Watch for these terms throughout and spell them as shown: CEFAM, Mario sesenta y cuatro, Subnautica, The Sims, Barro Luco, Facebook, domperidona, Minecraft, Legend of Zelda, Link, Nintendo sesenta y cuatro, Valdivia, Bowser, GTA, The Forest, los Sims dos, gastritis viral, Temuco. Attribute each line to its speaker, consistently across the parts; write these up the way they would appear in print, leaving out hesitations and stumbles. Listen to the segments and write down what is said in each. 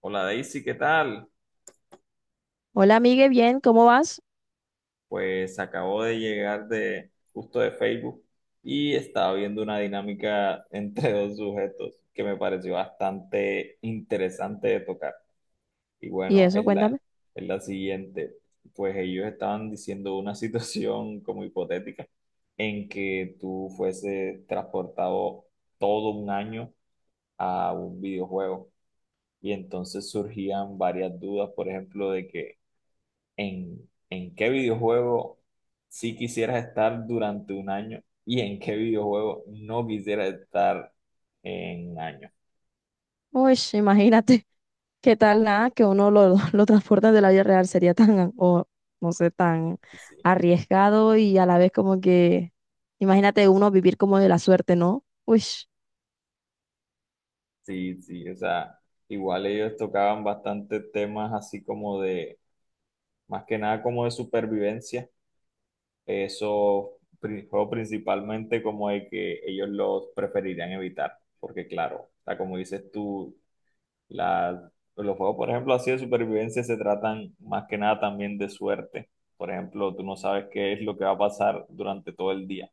Speaker 1: Hola Daisy, ¿qué tal?
Speaker 2: Hola, amigue, bien, ¿cómo vas?
Speaker 1: Pues acabo de llegar de justo de Facebook y estaba viendo una dinámica entre dos sujetos que me pareció bastante interesante de tocar. Y
Speaker 2: Y
Speaker 1: bueno,
Speaker 2: eso, cuéntame.
Speaker 1: es la siguiente. Pues ellos estaban diciendo una situación como hipotética en que tú fueses transportado todo un año a un videojuego. Y entonces surgían varias dudas, por ejemplo, de que en qué videojuego sí quisieras estar durante un año y en qué videojuego no quisieras estar en un año.
Speaker 2: Uy, imagínate, qué tal nada que uno lo transporta de la vida real sería tan, o no sé, tan
Speaker 1: Y sí,
Speaker 2: arriesgado y a la vez como que, imagínate uno vivir como de la suerte, ¿no? Uy,
Speaker 1: sí, sí, o sea, igual ellos tocaban bastante temas así como de, más que nada como de supervivencia, eso fue principalmente como de que ellos los preferirían evitar, porque claro, o sea, como dices tú, La- los juegos, por ejemplo, así de supervivencia se tratan más que nada también de suerte. Por ejemplo, tú no sabes qué es lo que va a pasar durante todo el día.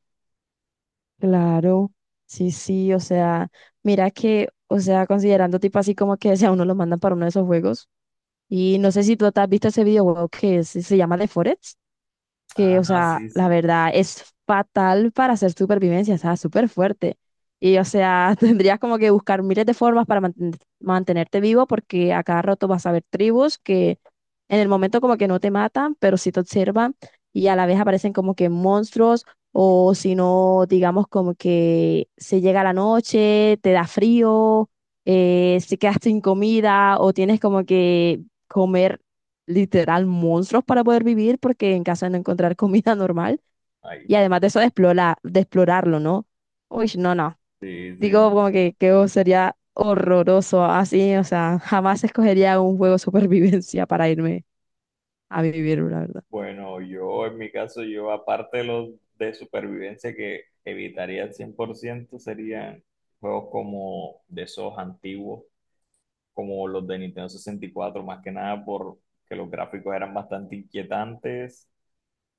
Speaker 2: claro, sí, sí, o sea, mira que, o sea, considerando tipo así como que si a uno lo mandan para uno de esos juegos, y no sé si tú te has visto ese videojuego que se llama The Forest. Que, o
Speaker 1: Ah,
Speaker 2: sea,
Speaker 1: sí,
Speaker 2: la
Speaker 1: sí.
Speaker 2: verdad es fatal para hacer supervivencia, o sea, súper fuerte. Y, o sea, tendrías como que buscar miles de formas para mantenerte vivo porque a cada rato vas a ver tribus que en el momento como que no te matan, pero sí te observan, y a la vez aparecen como que monstruos, o si no, digamos como que se llega la noche, te da frío, se quedas sin comida o tienes como que comer literal monstruos para poder vivir porque en casa no encontrar comida normal,
Speaker 1: Ahí
Speaker 2: y
Speaker 1: fue.
Speaker 2: además de eso explorar, de explorarlo, ¿no? Uy, no, no.
Speaker 1: Sí, sí, me
Speaker 2: Digo como
Speaker 1: imagino.
Speaker 2: que oh, sería horroroso así, o sea, jamás escogería un juego de supervivencia para irme a vivir, la verdad.
Speaker 1: Bueno, yo en mi caso, yo aparte de los de supervivencia que evitaría al 100% serían juegos como de esos antiguos, como los de Nintendo 64 más que nada porque los gráficos eran bastante inquietantes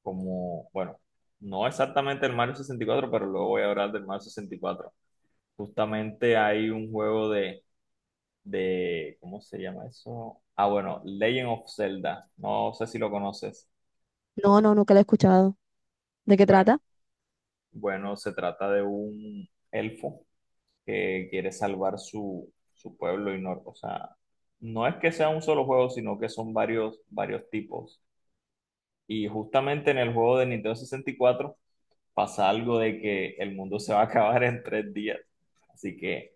Speaker 1: como, bueno, no exactamente el Mario 64, pero luego voy a hablar del Mario 64. Justamente hay un juego de, ¿cómo se llama eso? Ah, bueno, Legend of Zelda. No sé si lo conoces.
Speaker 2: No, no, nunca lo he escuchado. ¿De qué
Speaker 1: Bueno,
Speaker 2: trata?
Speaker 1: bueno, se trata de un elfo que quiere salvar su pueblo y no, o sea, no es que sea un solo juego, sino que son varios, varios tipos. Y justamente en el juego de Nintendo 64 pasa algo de que el mundo se va a acabar en 3 días. Así que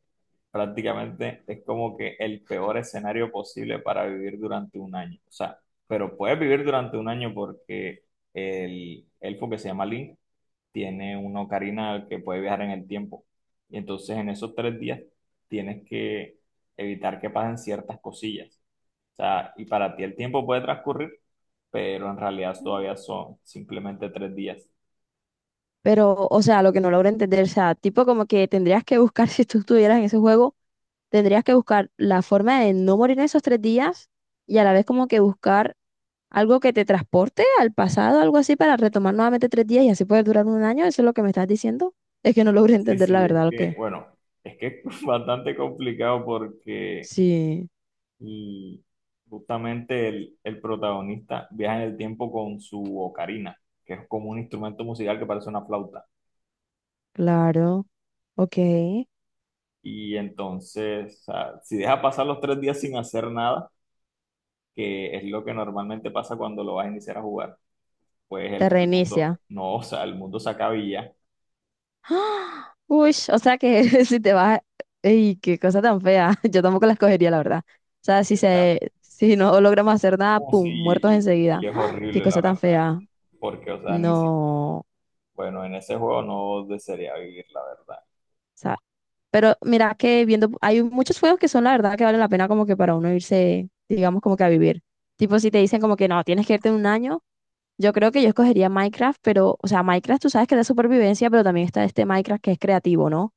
Speaker 1: prácticamente es como que el peor escenario posible para vivir durante un año. O sea, pero puedes vivir durante un año porque el elfo que se llama Link tiene una ocarina que puede viajar en el tiempo. Y entonces en esos 3 días tienes que evitar que pasen ciertas cosillas. O sea, y para ti el tiempo puede transcurrir, pero en realidad
Speaker 2: Mm.
Speaker 1: todavía son simplemente 3 días.
Speaker 2: Pero, o sea, lo que no logro entender, o sea, tipo como que tendrías que buscar, si tú estuvieras en ese juego, tendrías que buscar la forma de no morir en esos 3 días y a la vez como que buscar algo que te transporte al pasado, algo así, para retomar nuevamente 3 días y así poder durar 1 año. Eso es lo que me estás diciendo. Es que no logro
Speaker 1: Sí,
Speaker 2: entender
Speaker 1: sí,
Speaker 2: la
Speaker 1: es
Speaker 2: verdad lo
Speaker 1: que,
Speaker 2: que.
Speaker 1: bueno, es que es bastante complicado porque,
Speaker 2: Sí,
Speaker 1: y justamente el protagonista viaja en el tiempo con su ocarina, que es como un instrumento musical que parece una flauta.
Speaker 2: claro. Ok.
Speaker 1: Y entonces, o sea, si deja pasar los 3 días sin hacer nada, que es lo que normalmente pasa cuando lo vas a iniciar a jugar, pues
Speaker 2: Te
Speaker 1: el mundo,
Speaker 2: reinicia.
Speaker 1: no, o sea, el mundo se acaba y ya.
Speaker 2: ¡Ah! Uy, o sea que si te vas. ¡Ey, qué cosa tan fea! Yo tampoco la escogería, la verdad. O sea, si
Speaker 1: Exacto.
Speaker 2: se, si no logramos hacer nada,
Speaker 1: Sí,
Speaker 2: ¡pum! Muertos
Speaker 1: y
Speaker 2: enseguida.
Speaker 1: es
Speaker 2: ¡Ah! ¡Qué
Speaker 1: horrible, la
Speaker 2: cosa tan
Speaker 1: verdad,
Speaker 2: fea!
Speaker 1: porque, o sea, ni siquiera.
Speaker 2: No.
Speaker 1: Bueno, en ese juego no desearía vivir, la verdad.
Speaker 2: O pero mira que viendo, hay muchos juegos que son la verdad que valen la pena como que para uno irse, digamos, como que a vivir. Tipo, si te dicen como que no, tienes que irte en 1 año, yo creo que yo escogería Minecraft, pero, o sea, Minecraft tú sabes que es de supervivencia, pero también está este Minecraft que es creativo, ¿no?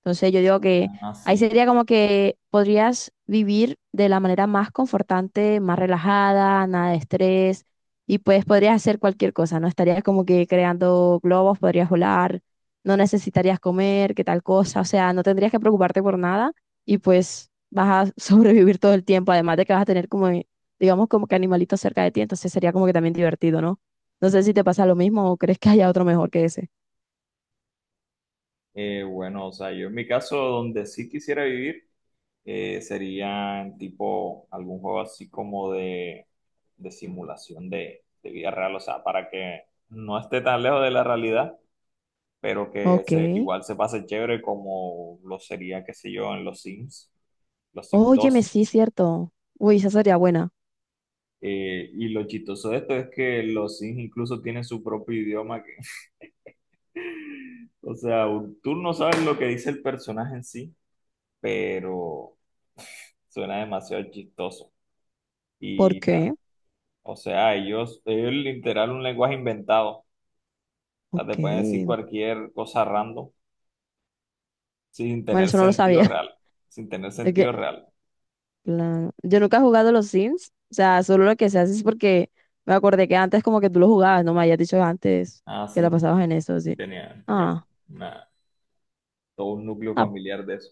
Speaker 2: Entonces yo digo que
Speaker 1: Ah,
Speaker 2: ahí
Speaker 1: sí.
Speaker 2: sería como que podrías vivir de la manera más confortante, más relajada, nada de estrés, y pues podrías hacer cualquier cosa, ¿no? Estarías como que creando globos, podrías volar, no necesitarías comer, qué tal cosa, o sea, no tendrías que preocuparte por nada, y pues vas a sobrevivir todo el tiempo, además de que vas a tener como, digamos, como que animalitos cerca de ti, entonces sería como que también divertido, ¿no? No sé si te pasa lo mismo o crees que haya otro mejor que ese.
Speaker 1: Bueno, o sea, yo en mi caso, donde sí quisiera vivir, sería en tipo algún juego así como de simulación de vida real, o sea, para que no esté tan lejos de la realidad, pero que se,
Speaker 2: Ok.
Speaker 1: igual se pase chévere como lo sería, qué sé yo, en los Sims, los Sims
Speaker 2: Óyeme,
Speaker 1: dos.
Speaker 2: sí, cierto. Uy, esa sería buena.
Speaker 1: Y lo chistoso de esto es que los Sims incluso tienen su propio idioma. O sea, tú no sabes lo que dice el personaje en sí, pero suena demasiado chistoso.
Speaker 2: ¿Por
Speaker 1: Y ta.
Speaker 2: qué?
Speaker 1: O sea, ellos literal un lenguaje inventado. O sea, te pueden decir
Speaker 2: Ok.
Speaker 1: cualquier cosa random sin
Speaker 2: Bueno,
Speaker 1: tener
Speaker 2: eso no lo
Speaker 1: sentido
Speaker 2: sabía.
Speaker 1: real. Sin tener
Speaker 2: Es
Speaker 1: sentido
Speaker 2: que
Speaker 1: real.
Speaker 2: yo nunca he jugado los Sims. O sea, solo lo que se hace es porque me acordé que antes como que tú lo jugabas, no me habías dicho antes
Speaker 1: Ah,
Speaker 2: que la
Speaker 1: sí.
Speaker 2: pasabas en eso,
Speaker 1: Sí
Speaker 2: sí.
Speaker 1: tenía
Speaker 2: Ah,
Speaker 1: una- todo un núcleo
Speaker 2: ah,
Speaker 1: familiar de eso.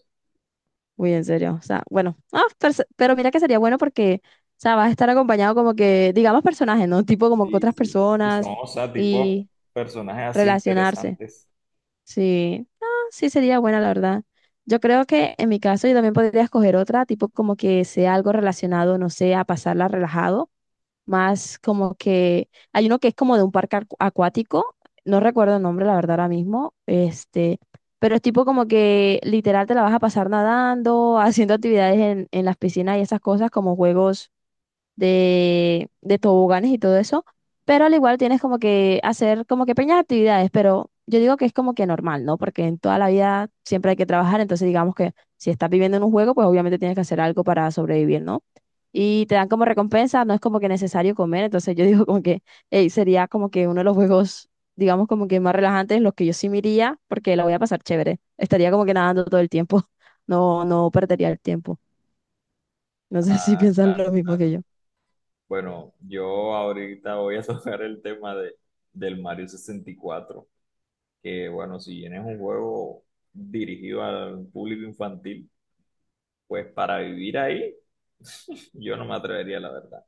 Speaker 2: uy, en serio. O sea, bueno. Ah, pero, pero mira que sería bueno porque, o sea, vas a estar acompañado como que, digamos, personajes, ¿no? Tipo como que
Speaker 1: Sí,
Speaker 2: otras
Speaker 1: sí. Y
Speaker 2: personas
Speaker 1: son, o sea, tipo
Speaker 2: y
Speaker 1: personajes así
Speaker 2: relacionarse.
Speaker 1: interesantes.
Speaker 2: Sí, ah, sí sería buena, la verdad. Yo creo que en mi caso yo también podría escoger otra, tipo como que sea algo relacionado, no sé, a pasarla relajado, más como que hay uno que es como de un parque acuático, no recuerdo el nombre, la verdad, ahora mismo, este, pero es tipo como que literal te la vas a pasar nadando, haciendo actividades en las piscinas y esas cosas, como juegos de toboganes y todo eso, pero al igual tienes como que hacer como que pequeñas actividades, pero yo digo que es como que normal, ¿no? Porque en toda la vida siempre hay que trabajar, entonces digamos que si estás viviendo en un juego, pues obviamente tienes que hacer algo para sobrevivir, ¿no? Y te dan como recompensa, no es como que necesario comer, entonces yo digo como que ey, sería como que uno de los juegos, digamos como que más relajantes, los que yo sí me iría, porque la voy a pasar chévere, estaría como que nadando todo el tiempo, no, no perdería el tiempo. No sé si
Speaker 1: Ah,
Speaker 2: piensan
Speaker 1: claro.
Speaker 2: lo mismo que
Speaker 1: Claro.
Speaker 2: yo.
Speaker 1: Bueno, yo ahorita voy a tocar el tema del Mario 64, que bueno, si bien es un juego dirigido al público infantil, pues para vivir ahí yo no me atrevería, la verdad.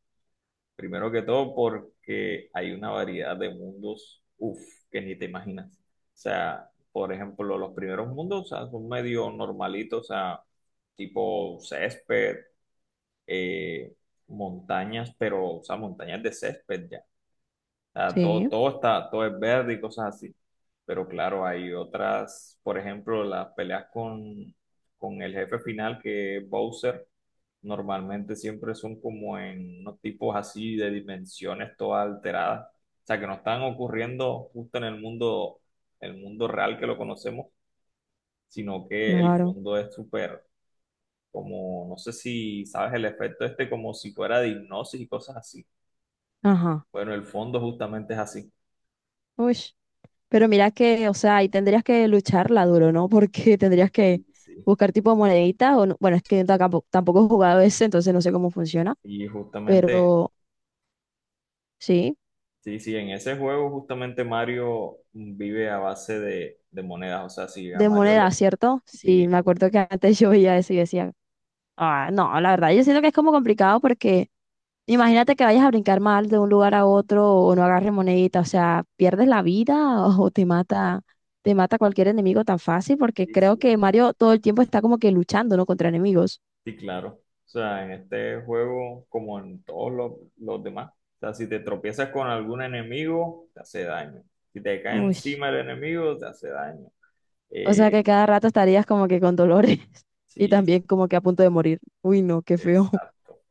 Speaker 1: Primero que todo porque hay una variedad de mundos, uff, que ni te imaginas. O sea, por ejemplo, los primeros mundos, o sea, son medio normalitos, o sea, tipo césped, eh, montañas, pero, o sea, montañas de césped. Ah, todo,
Speaker 2: Sí.
Speaker 1: todo está, todo es verde y cosas así. Pero claro, hay otras, por ejemplo, las peleas con el jefe final que es Bowser, normalmente siempre son como en unos tipos así de dimensiones todas alteradas. O sea, que no están ocurriendo justo en el mundo real que lo conocemos, sino que el
Speaker 2: Claro.
Speaker 1: fondo es súper, como, no sé si sabes el efecto este, como si fuera de hipnosis y cosas así.
Speaker 2: Ajá.
Speaker 1: Bueno, el fondo justamente es así.
Speaker 2: Uy. Pero mira que, o sea, ahí tendrías que lucharla duro, ¿no? Porque tendrías que
Speaker 1: Sí, sí.
Speaker 2: buscar tipo moneditas o no- Bueno, es que yo tampoco he jugado ese, entonces no sé cómo funciona.
Speaker 1: Y justamente,
Speaker 2: Pero sí,
Speaker 1: sí, sí, en ese juego justamente Mario vive a base de monedas, o sea, si a
Speaker 2: de
Speaker 1: Mario le...
Speaker 2: moneda, ¿cierto? Sí,
Speaker 1: Sí,
Speaker 2: me acuerdo que antes yo veía eso y decía, ah, no, la verdad, yo siento que es como complicado porque imagínate que vayas a brincar mal de un lugar a otro o no agarres monedita, o sea, pierdes la vida o te mata cualquier enemigo tan fácil porque
Speaker 1: sí,
Speaker 2: creo
Speaker 1: sí, o
Speaker 2: que
Speaker 1: sea,
Speaker 2: Mario todo el tiempo está como que luchando, ¿no? Contra enemigos.
Speaker 1: sí, claro. O sea, en este juego, como en todos los demás, o sea, si te tropiezas con algún enemigo, te hace daño. Si te cae
Speaker 2: Uy,
Speaker 1: encima el enemigo, te hace daño.
Speaker 2: o sea que
Speaker 1: Eh,
Speaker 2: cada rato estarías como que con dolores y
Speaker 1: sí, sí,
Speaker 2: también como que a punto de morir. Uy, no, qué feo.
Speaker 1: exacto.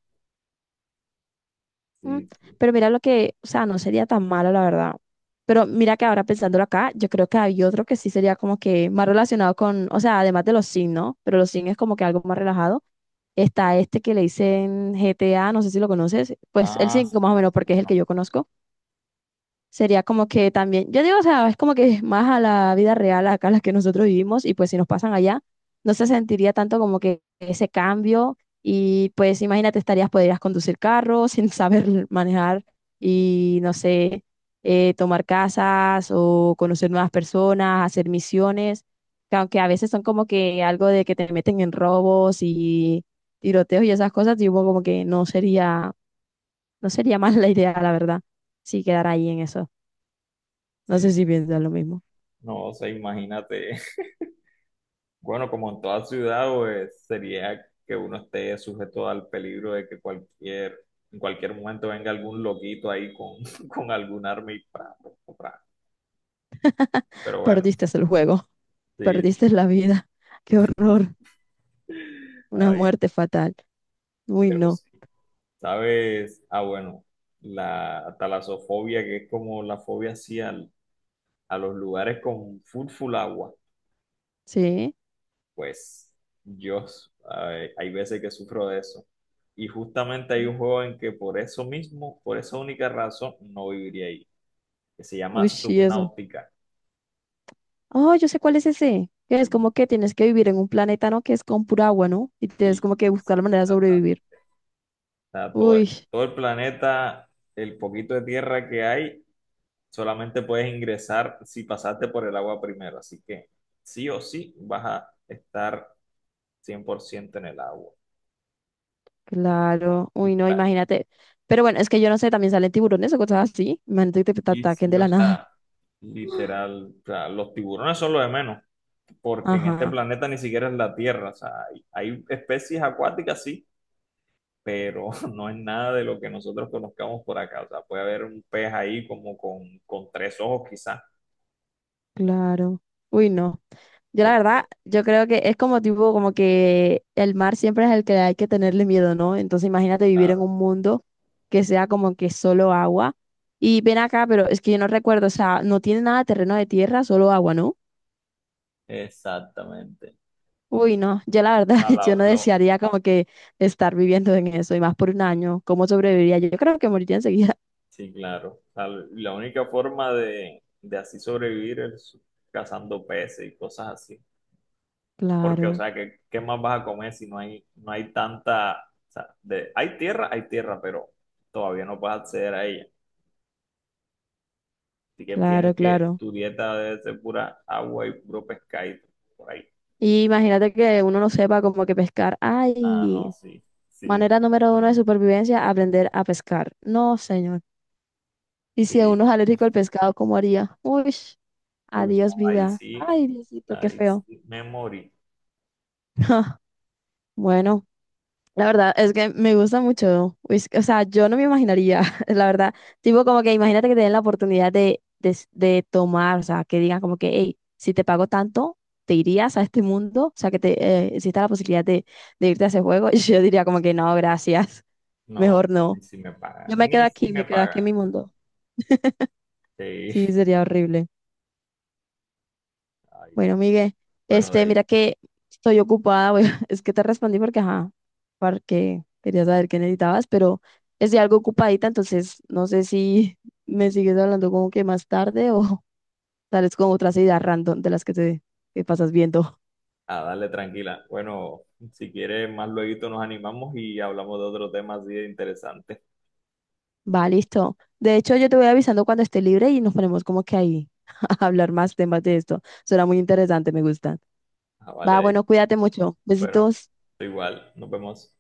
Speaker 2: Mm,
Speaker 1: Sí, sí.
Speaker 2: pero mira lo que, o sea, no sería tan malo, la verdad. Pero mira que ahora pensándolo acá, yo creo que hay otro que sí sería como que más relacionado con, o sea, además de los Sims, ¿no? Pero los Sims es como que algo más relajado. Está este que le dicen GTA, no sé si lo conoces, pues el
Speaker 1: Ah,
Speaker 2: 5 más
Speaker 1: sí,
Speaker 2: o menos,
Speaker 1: sí,
Speaker 2: porque es el que
Speaker 1: bueno,
Speaker 2: yo conozco. Sería como que también, yo digo, o sea, es como que es más a la vida real acá las que nosotros vivimos y pues si nos pasan allá, no se sentiría tanto como que ese cambio, y pues imagínate, estarías, podrías conducir carro sin saber manejar y no sé, tomar casas o conocer nuevas personas, hacer misiones, que aunque a veces son como que algo de que te meten en robos y tiroteos y esas cosas, digo como que no sería, no sería más la idea, la verdad, si quedara ahí en eso. No
Speaker 1: sí.
Speaker 2: sé si piensas lo mismo.
Speaker 1: No, o sea, imagínate. Bueno, como en toda ciudad, pues sería que uno esté sujeto al peligro de que cualquier, en cualquier momento venga algún loquito ahí con, con algún arma y pra, pra, pra. Pero bueno,
Speaker 2: Perdiste el juego,
Speaker 1: sí,
Speaker 2: perdiste la vida. Qué horror, una
Speaker 1: ay,
Speaker 2: muerte fatal. Uy,
Speaker 1: pero
Speaker 2: no.
Speaker 1: sí. ¿Sabes? Ah, bueno, la talasofobia, que es como la fobia así a los lugares con full, full agua.
Speaker 2: Sí.
Speaker 1: Pues yo, hay veces que sufro de eso. Y justamente hay un juego en que por eso mismo, por esa única razón, no viviría ahí, que se llama
Speaker 2: Uy, sí, eso.
Speaker 1: Subnautica.
Speaker 2: Oh, yo sé cuál es ese. Que es
Speaker 1: Sí,
Speaker 2: como que tienes que vivir en un planeta, ¿no? Que es con pura agua, ¿no? Y tienes
Speaker 1: sí,
Speaker 2: como que buscar la
Speaker 1: sí,
Speaker 2: manera de
Speaker 1: exacto.
Speaker 2: sobrevivir.
Speaker 1: O sea, todo,
Speaker 2: Uy,
Speaker 1: todo el planeta, el poquito de tierra que hay, solamente puedes ingresar si pasaste por el agua primero. Así que sí o sí vas a estar 100% en el agua.
Speaker 2: claro. Uy,
Speaker 1: Y,
Speaker 2: no,
Speaker 1: la-
Speaker 2: imagínate. Pero bueno, es que yo no sé, también salen tiburones o cosas así. Imagínate que te
Speaker 1: y
Speaker 2: ataquen
Speaker 1: sí,
Speaker 2: de
Speaker 1: o
Speaker 2: la nada.
Speaker 1: sea, literal, o sea, los tiburones son lo de menos. Porque en este
Speaker 2: Ajá,
Speaker 1: planeta ni siquiera es la Tierra. O sea, hay especies acuáticas, sí, pero no es nada de lo que nosotros conozcamos por acá. O sea, puede haber un pez ahí como con tres ojos quizás.
Speaker 2: claro. Uy, no. Yo la
Speaker 1: Qué
Speaker 2: verdad,
Speaker 1: miedo,
Speaker 2: yo creo que es como tipo, como que el mar siempre es el que hay que tenerle miedo, ¿no? Entonces imagínate vivir en
Speaker 1: claro.
Speaker 2: un mundo que sea como que solo agua. Y ven acá, pero es que yo no recuerdo, o sea, no tiene nada de terreno de tierra, solo agua, ¿no?
Speaker 1: Exactamente.
Speaker 2: Uy, no, yo la verdad,
Speaker 1: La-
Speaker 2: yo
Speaker 1: la-
Speaker 2: no
Speaker 1: lo-
Speaker 2: desearía como que estar viviendo en eso, y más por 1 año, ¿cómo sobreviviría? Yo creo que moriría enseguida.
Speaker 1: sí, claro. O sea, la única forma de así sobrevivir es cazando peces y cosas así. Porque, o
Speaker 2: Claro,
Speaker 1: sea, ¿qué más vas a comer si no hay tanta... o sea, hay tierra, pero todavía no puedes acceder a ella. Así que tienes
Speaker 2: claro,
Speaker 1: que,
Speaker 2: claro.
Speaker 1: tu dieta debe ser pura agua y puro pescadito por ahí.
Speaker 2: Y imagínate que uno no sepa como que pescar.
Speaker 1: Ah, no,
Speaker 2: Ay,
Speaker 1: sí, sí,
Speaker 2: manera número 1 de
Speaker 1: también.
Speaker 2: supervivencia, aprender a pescar. No, señor. Y si
Speaker 1: Sí,
Speaker 2: uno es alérgico al pescado, ¿cómo haría? Uy,
Speaker 1: uy, no,
Speaker 2: adiós vida. Ay, Diosito, qué
Speaker 1: ahí
Speaker 2: feo.
Speaker 1: sí, me morí.
Speaker 2: Bueno, la verdad es que me gusta mucho. Uy, o sea, yo no me imaginaría, la verdad. Tipo, como que imagínate que te den la oportunidad de tomar, o sea, que digan como que, hey, si te pago tanto, te irías a este mundo. O sea, que te exista la posibilidad de irte a ese juego. Y yo diría como que no, gracias.
Speaker 1: No,
Speaker 2: Mejor no.
Speaker 1: ni si me
Speaker 2: Yo
Speaker 1: pagan, ni si me
Speaker 2: me quedo aquí
Speaker 1: pagan.
Speaker 2: en mi mundo. Sí,
Speaker 1: Sí,
Speaker 2: sería horrible.
Speaker 1: ay,
Speaker 2: Bueno, Miguel,
Speaker 1: bueno, de
Speaker 2: este,
Speaker 1: ahí,
Speaker 2: mira que estoy ocupada, es que te respondí porque, ajá, porque quería saber qué necesitabas, pero estoy algo ocupadita, entonces no sé si me sigues hablando como que más tarde o sales con otras ideas random de las que te que pasas viendo.
Speaker 1: a darle tranquila. Bueno, si quieres, más luego nos animamos y hablamos de otro tema así de interesante.
Speaker 2: Va, listo. De hecho, yo te voy avisando cuando esté libre y nos ponemos como que ahí a hablar más temas de esto. Será muy interesante, me gusta.
Speaker 1: Ah, vale,
Speaker 2: Va,
Speaker 1: de ahí.
Speaker 2: bueno, cuídate mucho.
Speaker 1: Bueno,
Speaker 2: Besitos.
Speaker 1: igual, nos vemos.